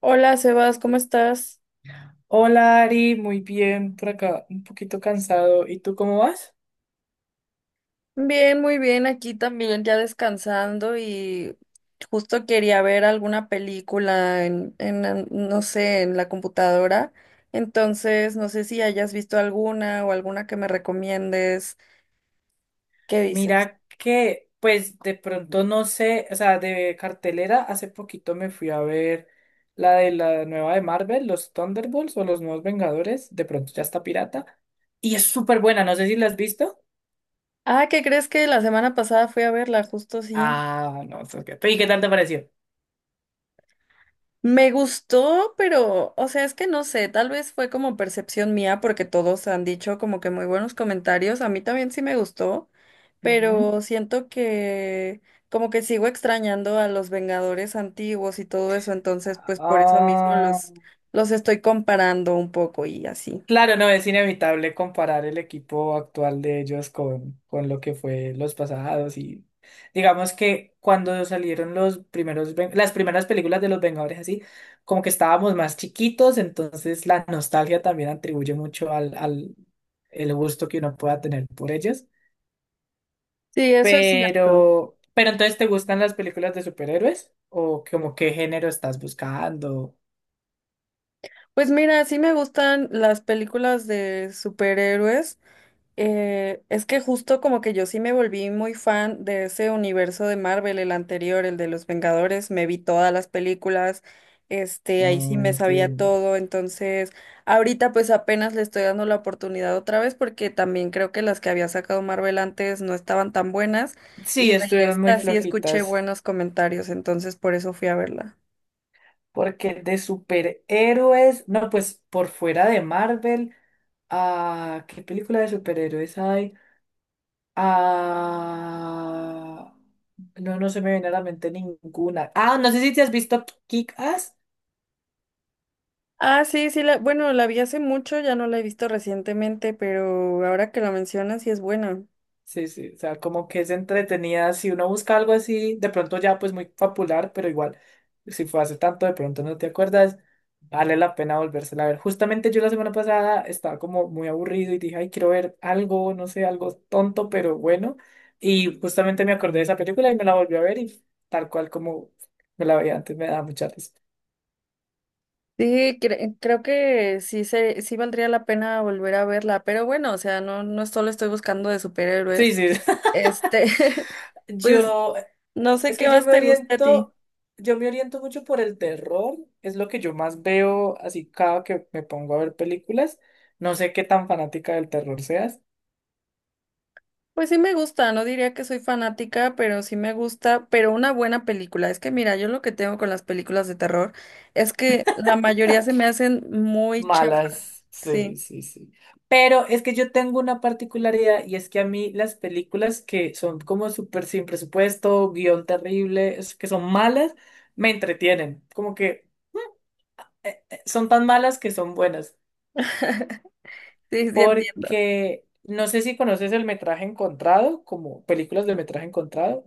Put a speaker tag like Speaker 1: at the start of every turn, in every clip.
Speaker 1: Hola Sebas, ¿cómo estás?
Speaker 2: Hola Ari, muy bien, por acá un poquito cansado. ¿Y tú cómo vas?
Speaker 1: Bien, muy bien, aquí también ya descansando y justo quería ver alguna película no sé, en la computadora. Entonces, no sé si hayas visto alguna o alguna que me recomiendes. ¿Qué dices?
Speaker 2: Mira que, pues de pronto no sé, o sea, de cartelera, hace poquito me fui a ver la de la nueva de Marvel, los Thunderbolts o los Nuevos Vengadores, de pronto ya está pirata. Y es súper buena, no sé si la has visto.
Speaker 1: Ah, ¿qué crees que la semana pasada fui a verla? Justo sí.
Speaker 2: Ah, no, ¿Y qué tal te pareció?
Speaker 1: Me gustó, pero, o sea, es que no sé, tal vez fue como percepción mía porque todos han dicho como que muy buenos comentarios, a mí también sí me gustó,
Speaker 2: Ujú.
Speaker 1: pero siento que como que sigo extrañando a los Vengadores antiguos y todo eso, entonces pues por eso mismo
Speaker 2: Ah,
Speaker 1: los estoy comparando un poco y así.
Speaker 2: claro, no, es inevitable comparar el equipo actual de ellos con lo que fue los pasados y digamos que cuando salieron los primeros, las primeras películas de los Vengadores así, como que estábamos más chiquitos, entonces la nostalgia también atribuye mucho al, al el gusto que uno pueda tener por ellos.
Speaker 1: Sí, eso es cierto.
Speaker 2: Pero entonces, ¿te gustan las películas de superhéroes? ¿O como qué género estás buscando?
Speaker 1: Pues mira, sí me gustan las películas de superhéroes. Es que justo como que yo sí me volví muy fan de ese universo de Marvel, el anterior, el de los Vengadores, me vi todas las películas, ahí sí
Speaker 2: No
Speaker 1: me sabía
Speaker 2: entiendo.
Speaker 1: todo, entonces ahorita pues apenas le estoy dando la oportunidad otra vez porque también creo que las que había sacado Marvel antes no estaban tan buenas y
Speaker 2: Sí,
Speaker 1: de
Speaker 2: estuvieron muy
Speaker 1: esta sí escuché
Speaker 2: flojitas.
Speaker 1: buenos comentarios, entonces por eso fui a verla.
Speaker 2: Porque de superhéroes, no, pues por fuera de Marvel, ¿qué película de superhéroes hay? Ah, no, no se me viene a la mente ninguna. Ah, no sé si te has visto Kick-Ass.
Speaker 1: Ah, sí, sí, la, bueno, la vi hace mucho, ya no la he visto recientemente, pero ahora que la mencionas sí es buena.
Speaker 2: Sí, sí, o sea, como que es entretenida. Si uno busca algo así, de pronto ya pues muy popular, pero igual, si fue hace tanto, de pronto no te acuerdas, vale la pena volvérsela a ver. Justamente yo la semana pasada estaba como muy aburrido y dije, ay, quiero ver algo, no sé, algo tonto, pero bueno. Y justamente me acordé de esa película y me la volví a ver y tal cual como me la veía antes, me da mucha risa.
Speaker 1: Sí, creo que sí se, sí valdría la pena volver a verla, pero bueno, o sea, no, no solo estoy buscando de
Speaker 2: Sí,
Speaker 1: superhéroes.
Speaker 2: sí.
Speaker 1: Este, pues
Speaker 2: yo
Speaker 1: no sé
Speaker 2: Es
Speaker 1: qué
Speaker 2: que yo
Speaker 1: más
Speaker 2: me
Speaker 1: te gusta a ti.
Speaker 2: oriento, yo me oriento mucho por el terror, es lo que yo más veo así cada que me pongo a ver películas. No sé qué tan fanática del terror seas.
Speaker 1: Pues sí me gusta, no diría que soy fanática, pero sí me gusta, pero una buena película. Es que mira, yo lo que tengo con las películas de terror es que la mayoría se me hacen muy chafas.
Speaker 2: Malas, sí,
Speaker 1: Sí,
Speaker 2: sí, sí. Pero es que yo tengo una particularidad y es que a mí las películas que son como súper sin presupuesto, guión terrible, es que son malas, me entretienen. Como que son tan malas que son buenas.
Speaker 1: sí, sí entiendo.
Speaker 2: Porque no sé si conoces el metraje encontrado, como películas de metraje encontrado.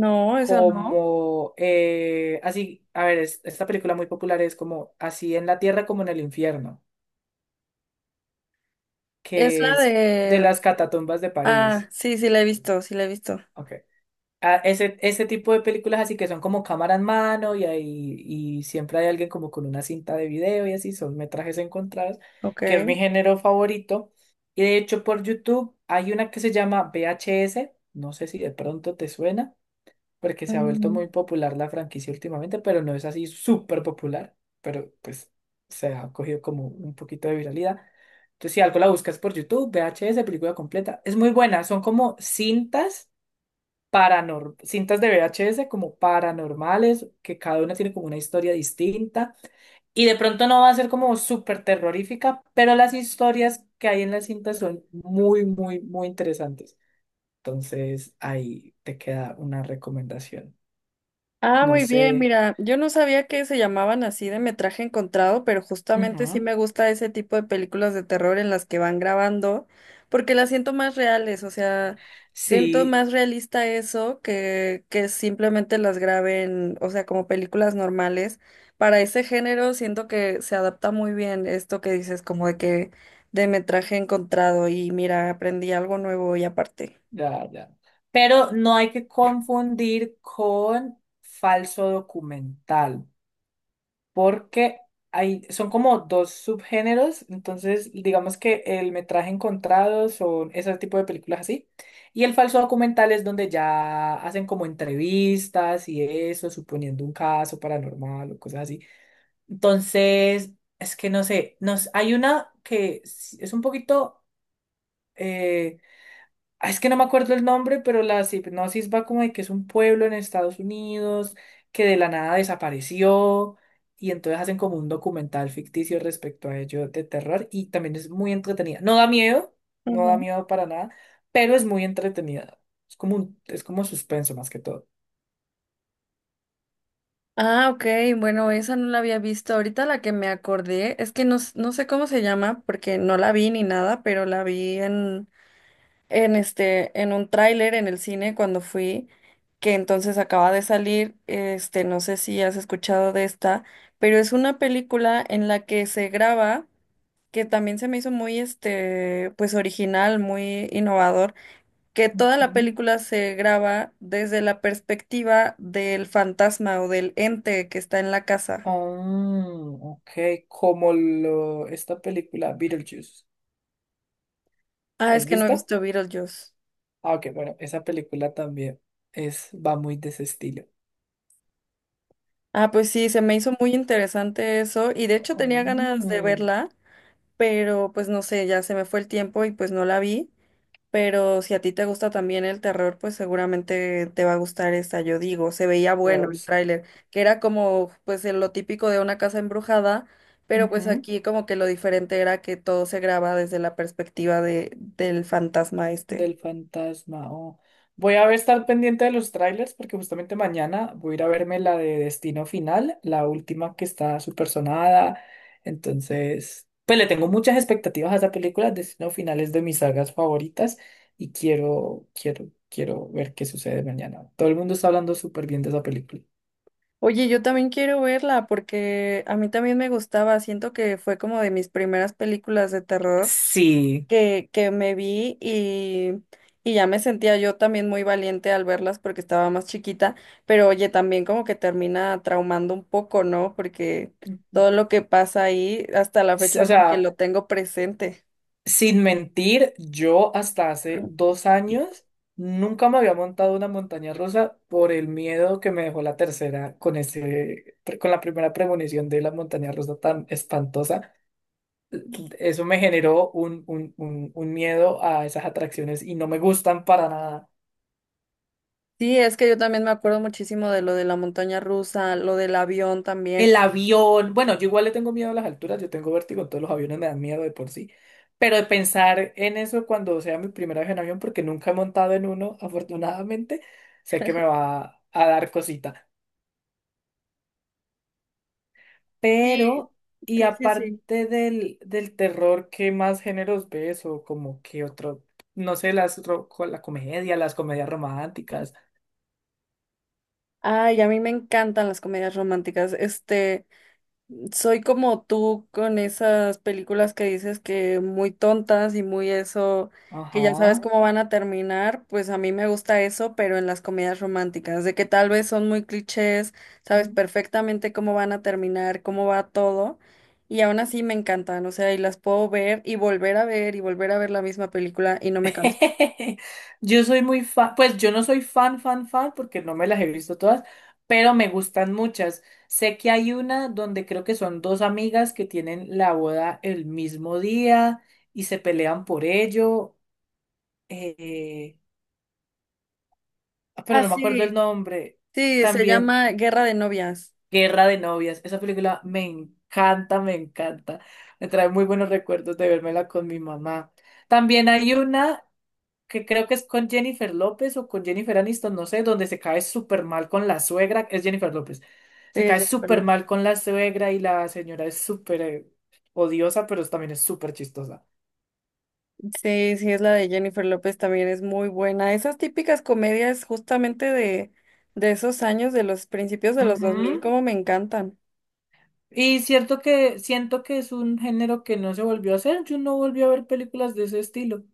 Speaker 1: No, eso no.
Speaker 2: Como así, a ver, esta película muy popular es como Así en la Tierra como en el Infierno,
Speaker 1: Es
Speaker 2: que
Speaker 1: la
Speaker 2: es de
Speaker 1: de...
Speaker 2: las catatumbas de
Speaker 1: Ah,
Speaker 2: París.
Speaker 1: sí, sí la he visto, sí la he visto.
Speaker 2: Ok. Ah, ese tipo de películas así que son como cámara en mano y, ahí, y siempre hay alguien como con una cinta de video y así, son metrajes encontrados,
Speaker 1: Ok.
Speaker 2: que es mi género favorito. Y de hecho por YouTube hay una que se llama VHS, no sé si de pronto te suena porque se ha vuelto
Speaker 1: Mm.
Speaker 2: muy popular la franquicia últimamente, pero no es así súper popular, pero pues se ha cogido como un poquito de viralidad. Entonces, si algo la buscas por YouTube, VHS, película completa, es muy buena, son como cintas paranor cintas de VHS como paranormales, que cada una tiene como una historia distinta y de pronto no va a ser como súper terrorífica, pero las historias que hay en las cintas son muy, muy, muy interesantes. Entonces, ahí te queda una recomendación,
Speaker 1: Ah,
Speaker 2: no
Speaker 1: muy bien,
Speaker 2: sé.
Speaker 1: mira, yo no sabía que se llamaban así de metraje encontrado, pero justamente sí
Speaker 2: Ujú.
Speaker 1: me gusta ese tipo de películas de terror en las que van grabando, porque las siento más reales, o sea, siento
Speaker 2: Sí,
Speaker 1: más realista eso que simplemente las graben, o sea, como películas normales. Para ese género siento que se adapta muy bien esto que dices, como de que de metraje encontrado, y mira, aprendí algo nuevo y aparte.
Speaker 2: ya, ya. Pero no hay que confundir con falso documental, porque son como dos subgéneros, entonces digamos que el metraje encontrado son ese tipo de películas así, y el falso documental es donde ya hacen como entrevistas y eso, suponiendo un caso paranormal o cosas así. Entonces, es que no sé, hay una que es un poquito. eh, Ah, es que no me acuerdo el nombre, pero la hipnosis va como de que es un pueblo en Estados Unidos que de la nada desapareció y entonces hacen como un documental ficticio respecto a ello de terror y también es muy entretenida. No da miedo, no da miedo para nada, pero es muy entretenida. Es como suspenso más que todo.
Speaker 1: Ah, ok, bueno, esa no la había visto. Ahorita la que me acordé es que no, no sé cómo se llama porque no la vi ni nada, pero en en un tráiler en el cine cuando fui, que entonces acaba de salir, no sé si has escuchado de esta, pero es una película en la que se graba, que también se me hizo muy, pues original, muy innovador que toda la
Speaker 2: Ujú.
Speaker 1: película se graba desde la perspectiva del fantasma o del ente que está en la casa.
Speaker 2: Ah, ok, esta película Beetlejuice.
Speaker 1: Ah,
Speaker 2: ¿La
Speaker 1: es
Speaker 2: has
Speaker 1: que no he
Speaker 2: visto?
Speaker 1: visto Beetlejuice.
Speaker 2: Ah, ok, bueno, esa película también va muy de ese estilo.
Speaker 1: Ah, pues sí, se me hizo muy interesante eso y de hecho tenía ganas de
Speaker 2: Mm,
Speaker 1: verla, pero pues no sé, ya se me fue el tiempo y pues no la vi. Pero si a ti te gusta también el terror, pues seguramente te va a gustar esta, yo digo. Se veía
Speaker 2: voy a
Speaker 1: bueno el
Speaker 2: buscar.
Speaker 1: tráiler, que era como pues en lo típico de una casa embrujada, pero pues
Speaker 2: Ujú,
Speaker 1: aquí como que lo diferente era que todo se graba desde la perspectiva de, del fantasma este.
Speaker 2: del fantasma. Oh. Voy a ver, estar pendiente de los trailers porque justamente mañana voy a ir a verme la de Destino Final, la última que está súper sonada. Entonces, pues le tengo muchas expectativas a esa película. Destino Final es de mis sagas favoritas y quiero, quiero, quiero ver qué sucede mañana. Todo el mundo está hablando súper bien de esa película.
Speaker 1: Oye, yo también quiero verla porque a mí también me gustaba, siento que fue como de mis primeras películas de terror
Speaker 2: Sí.
Speaker 1: que me vi y ya me sentía yo también muy valiente al verlas porque estaba más chiquita, pero oye, también como que termina traumando un poco, ¿no? Porque todo lo que pasa ahí, hasta la
Speaker 2: O
Speaker 1: fecha como que
Speaker 2: sea,
Speaker 1: lo tengo presente.
Speaker 2: sin mentir, yo hasta hace 2 años nunca me había montado una montaña rusa por el miedo que me dejó la tercera con con la primera premonición de la montaña rusa tan espantosa. Eso me generó un miedo a esas atracciones y no me gustan para nada.
Speaker 1: Sí, es que yo también me acuerdo muchísimo de lo de la montaña rusa, lo del avión también.
Speaker 2: El avión, bueno, yo igual le tengo miedo a las alturas, yo tengo vértigo, entonces los aviones me dan miedo de por sí. Pero de pensar en eso cuando sea mi primera vez en avión, porque nunca he montado en uno, afortunadamente, sé que me va a dar cosita.
Speaker 1: Sí,
Speaker 2: Pero, y
Speaker 1: sí, sí, sí.
Speaker 2: aparte del terror, ¿qué más géneros ves? O como que otro, no sé, las la comedia, las comedias románticas.
Speaker 1: Ay, a mí me encantan las comedias románticas. Soy como tú con esas películas que dices que muy tontas y muy eso, que ya sabes
Speaker 2: Ajá.
Speaker 1: cómo van a terminar, pues a mí me gusta eso, pero en las comedias románticas, de que tal vez son muy clichés, sabes perfectamente cómo van a terminar, cómo va todo, y aún así me encantan, o sea, y las puedo ver y volver a ver y volver a ver la misma película y no me canso.
Speaker 2: Yo soy muy fan, pues yo no soy fan, fan, fan, porque no me las he visto todas, pero me gustan muchas. Sé que hay una donde creo que son dos amigas que tienen la boda el mismo día y se pelean por ello, eh, pero
Speaker 1: Ah,
Speaker 2: no me acuerdo el
Speaker 1: sí,
Speaker 2: nombre.
Speaker 1: sí, se
Speaker 2: También
Speaker 1: llama Guerra de Novias.
Speaker 2: Guerra de Novias. Esa película me encanta, me encanta. Me trae muy buenos recuerdos de vérmela con mi mamá. También hay una que creo que es con Jennifer López o con Jennifer Aniston, no sé, donde se cae súper mal con la suegra, es Jennifer López,
Speaker 1: Sí,
Speaker 2: se cae súper mal con la suegra y la señora es súper odiosa, pero también es súper chistosa.
Speaker 1: Sí, sí, es la de Jennifer López, también es muy buena. Esas típicas comedias justamente de esos años, de los principios de los 2000
Speaker 2: Ujú.
Speaker 1: como me encantan.
Speaker 2: Y cierto que siento que es un género que no se volvió a hacer, yo no volví a ver películas de ese estilo.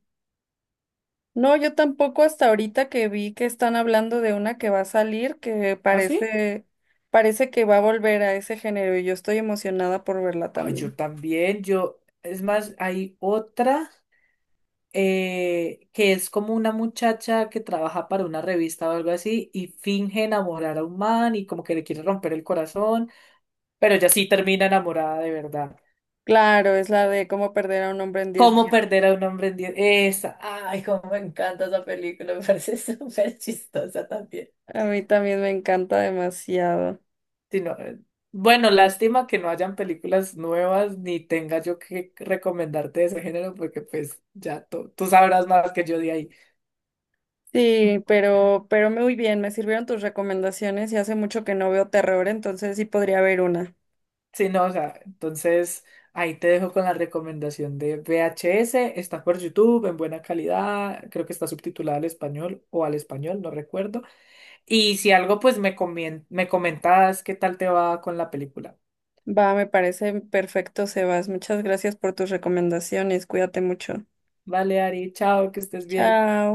Speaker 1: No, yo tampoco hasta ahorita que vi que están hablando de una que va a salir, que
Speaker 2: ¿Ah, sí?
Speaker 1: parece, parece que va a volver a ese género y yo estoy emocionada por verla
Speaker 2: Ah,
Speaker 1: también.
Speaker 2: yo también, yo, es más, hay otra, que es como una muchacha que trabaja para una revista o algo así y finge enamorar a un man y como que le quiere romper el corazón, pero ella sí termina enamorada de verdad.
Speaker 1: Claro, es la de cómo perder a un hombre en 10
Speaker 2: ¿Cómo
Speaker 1: días.
Speaker 2: perder a un hombre en 10? Esa. Ay, cómo me encanta esa película, me parece súper chistosa también.
Speaker 1: A mí también me encanta demasiado.
Speaker 2: Sí, no, bueno, lástima que no hayan películas nuevas ni tenga yo que recomendarte de ese género porque pues ya tú sabrás más que yo de ahí.
Speaker 1: Sí, pero muy bien, me sirvieron tus recomendaciones y hace mucho que no veo terror, entonces sí podría haber una.
Speaker 2: Sí, no, o sea, entonces ahí te dejo con la recomendación de VHS, está por YouTube en buena calidad, creo que está subtitulada al español o al español, no recuerdo. Y si algo, pues me comentas qué tal te va con la película.
Speaker 1: Va, me parece perfecto, Sebas. Muchas gracias por tus recomendaciones. Cuídate mucho.
Speaker 2: Vale, Ari, chao, que estés bien.
Speaker 1: Chao.